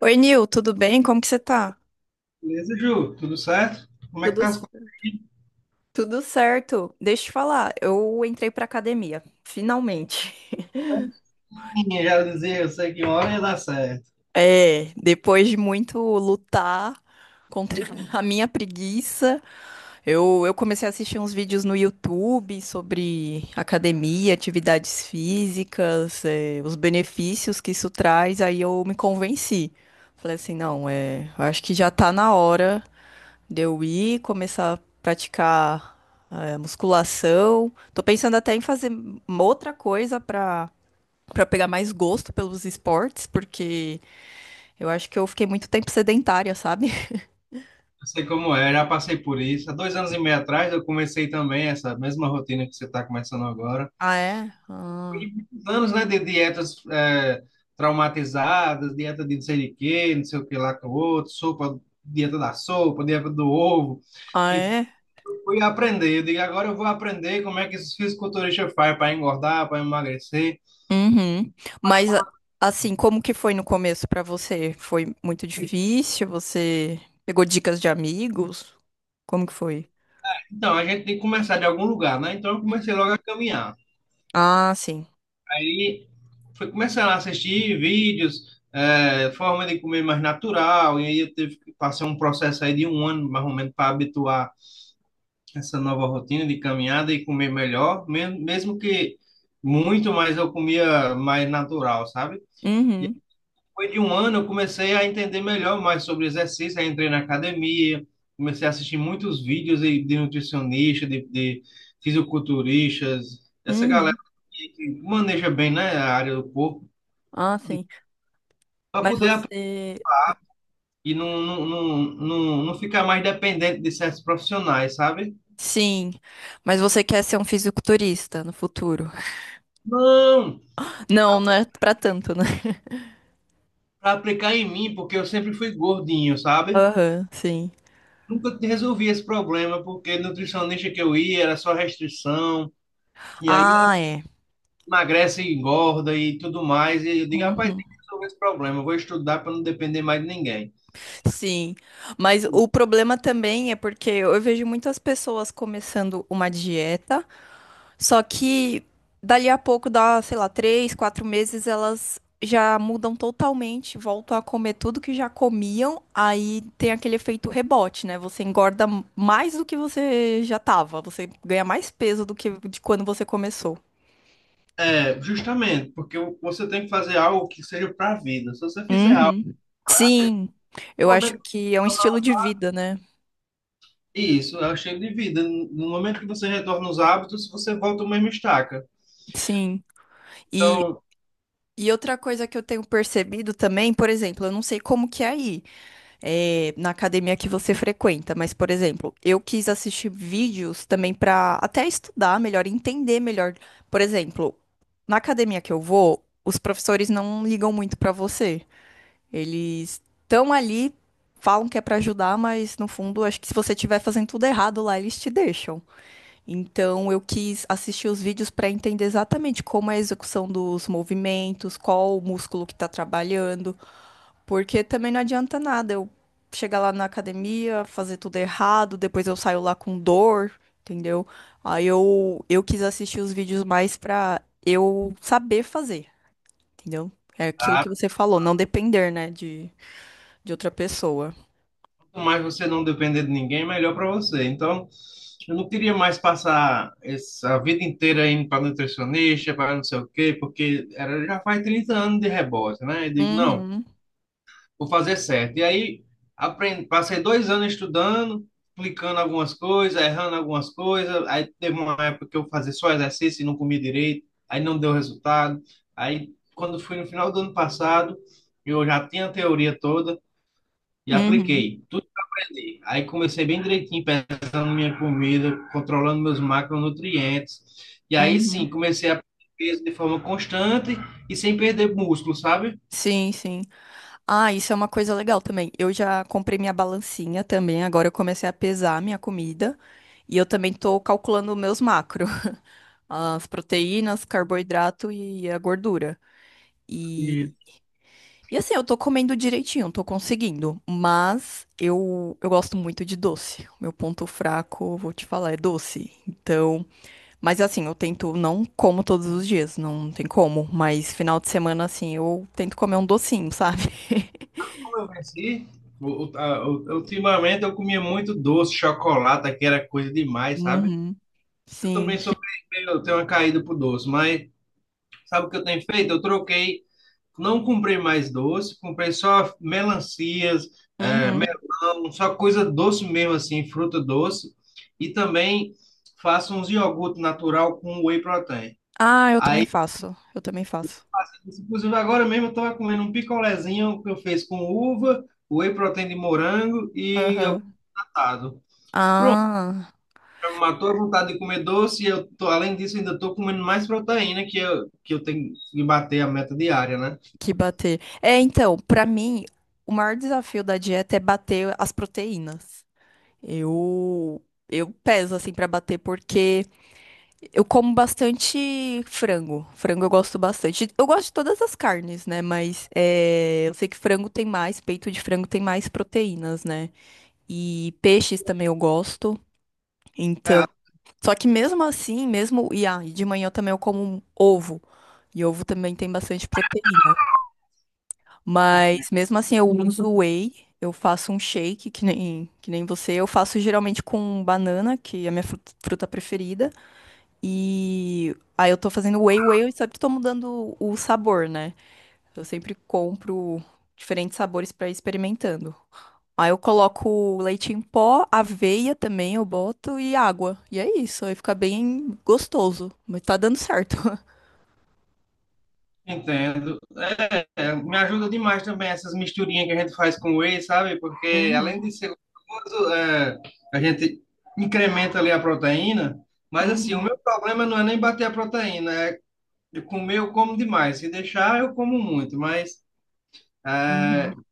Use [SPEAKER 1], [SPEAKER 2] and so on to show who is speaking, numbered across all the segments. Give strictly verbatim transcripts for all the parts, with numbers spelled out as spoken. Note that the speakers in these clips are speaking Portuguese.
[SPEAKER 1] Oi, Nil, tudo bem? Como que você tá?
[SPEAKER 2] Beleza, Ju? Tudo certo? Como é que
[SPEAKER 1] Tudo,
[SPEAKER 2] tá as coisas aí?
[SPEAKER 1] tudo certo. Deixa eu te falar, eu entrei pra academia, finalmente.
[SPEAKER 2] Ih, já dizia, eu sei que uma hora ia dar certo.
[SPEAKER 1] É, depois de muito lutar contra a minha preguiça, eu, eu comecei a assistir uns vídeos no YouTube sobre academia, atividades físicas, é, os benefícios que isso traz, aí eu me convenci. Falei assim, não, é, eu acho que já tá na hora de eu ir, começar a praticar eh, musculação. Tô pensando até em fazer uma outra coisa pra para pegar mais gosto pelos esportes, porque eu acho que eu fiquei muito tempo sedentária, sabe?
[SPEAKER 2] Eu sei como é, já passei por isso. Há dois anos e meio atrás eu comecei também essa mesma rotina que você está começando agora.
[SPEAKER 1] Ah, é? Ah,
[SPEAKER 2] Anos, né, de dietas é, traumatizadas, dieta de não sei de quê, não sei o que lá com o outro, sopa, dieta da sopa, dieta do ovo.
[SPEAKER 1] ah,
[SPEAKER 2] Enfim,
[SPEAKER 1] é?
[SPEAKER 2] eu fui aprender. Eu digo, agora eu vou aprender como é que esses fisiculturistas fazem para engordar, para emagrecer.
[SPEAKER 1] Uhum. Mas a- assim, como que foi no começo pra você? Foi muito difícil? Você pegou dicas de amigos? Como que foi?
[SPEAKER 2] Então, a gente tem que começar de algum lugar, né? Então eu comecei logo a caminhar.
[SPEAKER 1] Ah, sim.
[SPEAKER 2] Aí foi começando a assistir vídeos, é, forma de comer mais natural, e aí eu tive que passar um processo aí de um ano, mais ou menos, para habituar essa nova rotina de caminhada e comer melhor, mesmo, mesmo que muito mais eu comia mais natural, sabe?
[SPEAKER 1] Uhum.
[SPEAKER 2] Depois de um ano, eu comecei a entender melhor mais sobre exercício. Aí entrei na academia, comecei a assistir muitos vídeos de, de nutricionista, de, de fisiculturistas, essa galera
[SPEAKER 1] Uhum.
[SPEAKER 2] que, que maneja bem, né, a área do corpo,
[SPEAKER 1] Ah, sim.
[SPEAKER 2] para
[SPEAKER 1] Mas
[SPEAKER 2] poder aprender
[SPEAKER 1] você...
[SPEAKER 2] e não, não, não, não, não ficar mais dependente de certos profissionais, sabe?
[SPEAKER 1] Sim, mas você quer ser um fisiculturista no futuro?
[SPEAKER 2] Não,
[SPEAKER 1] Não, não é pra tanto, né?
[SPEAKER 2] para aplicar em mim, porque eu sempre fui gordinho, sabe?
[SPEAKER 1] Aham, sim.
[SPEAKER 2] Nunca resolvi esse problema, porque nutricionista que eu ia era só restrição, e aí
[SPEAKER 1] Ah, é.
[SPEAKER 2] emagrece e engorda e tudo mais. E eu digo, rapaz,
[SPEAKER 1] Uhum.
[SPEAKER 2] tem que resolver esse problema. Eu vou estudar para não depender mais de ninguém.
[SPEAKER 1] Sim, mas o problema também é porque eu vejo muitas pessoas começando uma dieta. Só que dali a pouco, dá, sei lá, três, quatro meses, elas já mudam totalmente, voltam a comer tudo que já comiam, aí tem aquele efeito rebote, né? Você engorda mais do que você já tava, você ganha mais peso do que de quando você começou.
[SPEAKER 2] É, justamente, porque você tem que fazer algo que seja para a vida. Se você fizer algo,
[SPEAKER 1] Uhum. Sim, eu
[SPEAKER 2] no
[SPEAKER 1] acho
[SPEAKER 2] momento
[SPEAKER 1] que é um estilo de vida, né?
[SPEAKER 2] isso, é o estilo de vida. No momento que você retorna os hábitos, você volta ao mesmo estaca.
[SPEAKER 1] Sim. E,
[SPEAKER 2] Então,
[SPEAKER 1] e outra coisa que eu tenho percebido também, por exemplo, eu não sei como que é aí, é, na academia que você frequenta, mas, por exemplo, eu quis assistir vídeos também para até estudar melhor, entender melhor. Por exemplo, na academia que eu vou, os professores não ligam muito para você. Eles estão ali, falam que é para ajudar, mas no fundo, acho que se você estiver fazendo tudo errado lá, eles te deixam. Então, eu quis assistir os vídeos para entender exatamente como é a execução dos movimentos, qual o músculo que está trabalhando. Porque também não adianta nada eu chegar lá na academia, fazer tudo errado, depois eu saio lá com dor, entendeu? Aí eu, eu quis assistir os vídeos mais pra eu saber fazer, entendeu? É aquilo
[SPEAKER 2] ah,
[SPEAKER 1] que você falou, não depender, né, de, de outra pessoa.
[SPEAKER 2] quanto mais você não depender de ninguém, melhor para você. Então, eu não queria mais passar essa vida inteira indo para nutricionista, para não sei o quê, porque era, já faz trinta anos de rebote, né? Eu digo, não,
[SPEAKER 1] Uhum,
[SPEAKER 2] vou fazer certo. E aí aprendi, passei dois anos estudando, aplicando algumas coisas, errando algumas coisas. Aí teve uma época que eu fazia só exercício e não comia direito, aí não deu resultado. Aí quando fui no final do ano passado, eu já tinha a teoria toda e
[SPEAKER 1] uhum,
[SPEAKER 2] apliquei tudo que eu aprendi. Aí comecei bem direitinho, pesando minha comida, controlando meus macronutrientes. E aí sim,
[SPEAKER 1] uhum.
[SPEAKER 2] comecei a perder peso de forma constante e sem perder músculo, sabe?
[SPEAKER 1] Sim, sim. Ah, isso é uma coisa legal também. Eu já comprei minha balancinha também, agora eu comecei a pesar minha comida e eu também tô calculando meus macros, as proteínas, carboidrato e a gordura. E, e assim, eu tô comendo direitinho, tô conseguindo, mas eu, eu gosto muito de doce. O meu ponto fraco, vou te falar, é doce. Então, mas assim, eu tento, não como todos os dias, não tem como, mas final de semana, assim, eu tento comer um docinho, sabe?
[SPEAKER 2] Eu venci. O- o- a- o- Ultimamente eu comia muito doce, chocolate, que era coisa demais, sabe?
[SPEAKER 1] Uhum,
[SPEAKER 2] Eu também
[SPEAKER 1] sim.
[SPEAKER 2] sou meio, eu tenho uma caída pro doce, mas sabe o que eu tenho feito? Eu troquei, não comprei mais doce, comprei só melancias, eh,
[SPEAKER 1] Uhum.
[SPEAKER 2] melão, só coisa doce mesmo assim, fruta doce, e também faço uns iogurte natural com whey protein.
[SPEAKER 1] Ah, eu também faço. Eu também faço.
[SPEAKER 2] Inclusive agora mesmo eu estava comendo um picolézinho que eu fiz com uva, whey protein de morango e
[SPEAKER 1] Aham.
[SPEAKER 2] iogurtado. Pronto,
[SPEAKER 1] Ah,
[SPEAKER 2] eu matou a vontade de comer doce e eu tô, além disso, ainda tô comendo mais proteína que eu, que eu tenho que bater a meta diária, né?
[SPEAKER 1] que bater. É, então, pra mim, o maior desafio da dieta é bater as proteínas. Eu eu peso assim pra bater porque eu como bastante frango. Frango eu gosto bastante. Eu gosto de todas as carnes, né? Mas é, eu sei que frango tem mais, peito de frango tem mais proteínas, né? E peixes também eu gosto. Então,
[SPEAKER 2] É,
[SPEAKER 1] só que mesmo assim, mesmo. E ah, e de manhã também eu como um ovo. E ovo também tem bastante proteína. Mas mesmo assim, eu uso whey. Eu faço um shake, que nem, que nem você. Eu faço geralmente com banana, que é a minha fru- fruta preferida. E aí eu tô fazendo whey, whey, eu sempre tô mudando o sabor, né? Eu sempre compro diferentes sabores pra ir experimentando. Aí eu coloco leite em pó, aveia também eu boto e água. E é isso, aí fica bem gostoso. Mas tá dando certo.
[SPEAKER 2] entendo. É, me ajuda demais também essas misturinhas que a gente faz com whey, sabe? Porque além
[SPEAKER 1] Uhum,
[SPEAKER 2] de ser gostoso, é, a gente incrementa ali a proteína, mas assim, o
[SPEAKER 1] uhum,
[SPEAKER 2] meu problema não é nem bater a proteína, é de comer eu como demais. Se deixar, eu como muito, mas
[SPEAKER 1] uhum,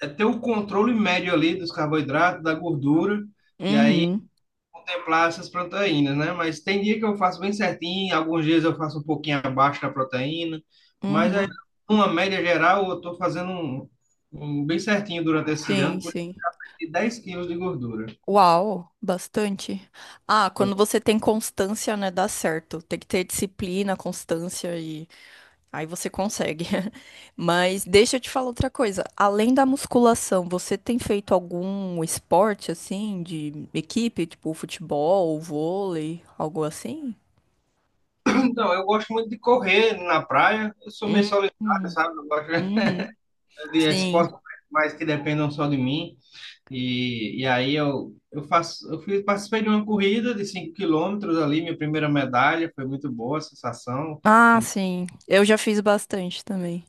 [SPEAKER 2] é ter o controle médio ali dos carboidratos, da gordura, e aí
[SPEAKER 1] uhum,
[SPEAKER 2] contemplar essas proteínas, né? Mas tem dia que eu faço bem certinho, alguns dias eu faço um pouquinho abaixo da proteína, mas aí,
[SPEAKER 1] uhum.
[SPEAKER 2] numa média geral, eu estou fazendo um, um bem certinho durante esse
[SPEAKER 1] Sim,
[SPEAKER 2] ano, por
[SPEAKER 1] sim.
[SPEAKER 2] aí de 10 quilos de gordura.
[SPEAKER 1] Uau, bastante. Ah, quando você tem constância, né, dá certo. Tem que ter disciplina, constância e... Aí você consegue. Mas deixa eu te falar outra coisa. Além da musculação, você tem feito algum esporte assim de equipe, tipo futebol, vôlei, algo assim?
[SPEAKER 2] Então, eu gosto muito de correr na praia, eu sou meio
[SPEAKER 1] Hum,
[SPEAKER 2] solitário,
[SPEAKER 1] hum,
[SPEAKER 2] sabe? Eu gosto
[SPEAKER 1] Uhum.
[SPEAKER 2] de
[SPEAKER 1] Sim.
[SPEAKER 2] esportes mais que dependam só de mim, e, e aí eu, eu faço, eu fiz, participei de uma corrida de cinco quilômetros ali, minha primeira medalha, foi muito boa a sensação.
[SPEAKER 1] Ah, sim. Eu já fiz bastante também.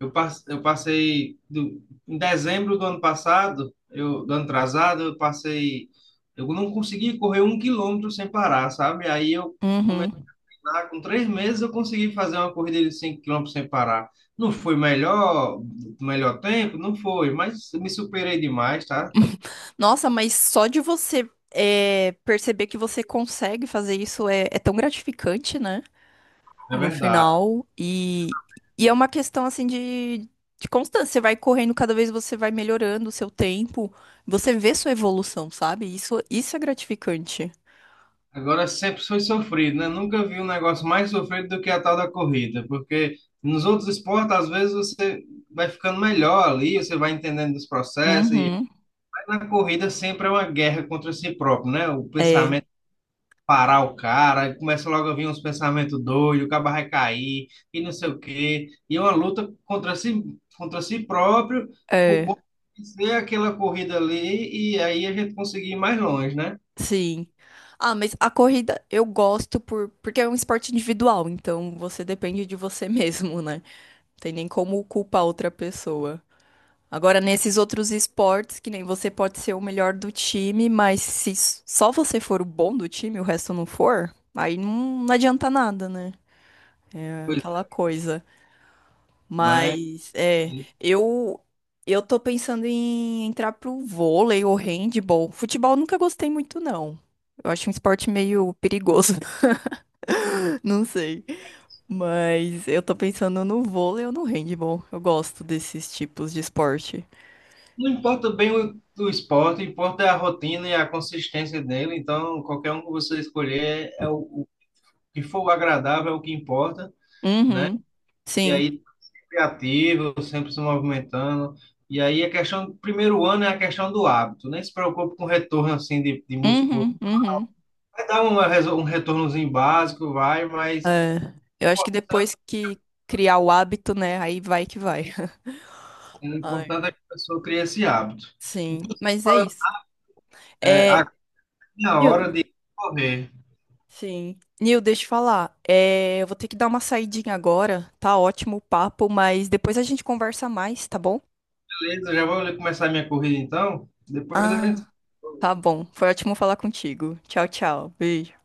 [SPEAKER 2] Eu, pas- eu passei do- em dezembro do ano passado, eu, do ano atrasado, eu passei. Eu não consegui correr um quilômetro sem parar, sabe? Aí eu comecei
[SPEAKER 1] Uhum.
[SPEAKER 2] lá, com três meses, eu consegui fazer uma corrida de cinco quilômetros sem parar. Não foi melhor, melhor tempo? Não foi, mas eu me superei demais, tá?
[SPEAKER 1] Nossa, mas só de você é, perceber que você consegue fazer isso é, é tão gratificante, né?
[SPEAKER 2] É
[SPEAKER 1] No
[SPEAKER 2] verdade.
[SPEAKER 1] final. E, e é uma questão assim de, de constância. Você vai correndo, cada vez você vai melhorando o seu tempo. Você vê sua evolução, sabe? Isso, isso é gratificante.
[SPEAKER 2] Agora sempre foi sofrido, né? Nunca vi um negócio mais sofrido do que a tal da corrida, porque nos outros esportes, às vezes, você vai ficando melhor ali, você vai entendendo os processos, e
[SPEAKER 1] Uhum.
[SPEAKER 2] mas na corrida sempre é uma guerra contra si próprio, né? O
[SPEAKER 1] É,
[SPEAKER 2] pensamento parar o cara, aí começa logo a vir uns pensamentos doidos, o cara vai cair, e não sei o quê, e é uma luta contra si, contra si próprio, por
[SPEAKER 1] é,
[SPEAKER 2] corpo vencer aquela corrida ali, e aí a gente conseguir ir mais longe, né?
[SPEAKER 1] sim. Ah, mas a corrida eu gosto por, porque é um esporte individual, então você depende de você mesmo, né? Tem nem como culpar outra pessoa. Agora, nesses outros esportes, que nem você pode ser o melhor do time, mas se s- só você for o bom do time e o resto não for, aí não, não adianta nada, né? É
[SPEAKER 2] Pois
[SPEAKER 1] aquela
[SPEAKER 2] é,
[SPEAKER 1] coisa.
[SPEAKER 2] mas.
[SPEAKER 1] Mas, é, eu eu tô pensando em entrar pro vôlei ou handball. Futebol eu nunca gostei muito, não. Eu acho um esporte meio perigoso, não sei. Mas eu tô pensando no vôlei ou no handball. Eu gosto desses tipos de esporte.
[SPEAKER 2] Não importa bem o, o esporte, importa a rotina e a consistência dele. Então, qualquer um que você escolher, é o, o que for o agradável, é o que importa, né?
[SPEAKER 1] Uhum.
[SPEAKER 2] E
[SPEAKER 1] Sim.
[SPEAKER 2] aí, criativo, sempre se movimentando. E aí, a questão do primeiro ano é a questão do hábito. Nem se preocupe com retorno assim de, de músculo.
[SPEAKER 1] Uhum, uhum.
[SPEAKER 2] Vai dar uma, reso- um retornozinho básico, vai, mas
[SPEAKER 1] É, eu
[SPEAKER 2] o
[SPEAKER 1] acho que
[SPEAKER 2] importante,
[SPEAKER 1] depois que criar o hábito, né, aí vai que vai.
[SPEAKER 2] o
[SPEAKER 1] Ai,
[SPEAKER 2] importante é que a pessoa crie esse hábito.
[SPEAKER 1] sim,
[SPEAKER 2] Inclusive,
[SPEAKER 1] mas é
[SPEAKER 2] falando,
[SPEAKER 1] isso.
[SPEAKER 2] é,
[SPEAKER 1] É,
[SPEAKER 2] a, a hora
[SPEAKER 1] Nil,
[SPEAKER 2] de correr.
[SPEAKER 1] sim. Nil, deixa eu falar. É, eu vou ter que dar uma saidinha agora. Tá ótimo o papo, mas depois a gente conversa mais, tá bom?
[SPEAKER 2] Beleza, já vou começar a minha corrida então. Depois a gente.
[SPEAKER 1] Ah, tá bom. Foi ótimo falar contigo. Tchau, tchau. Beijo.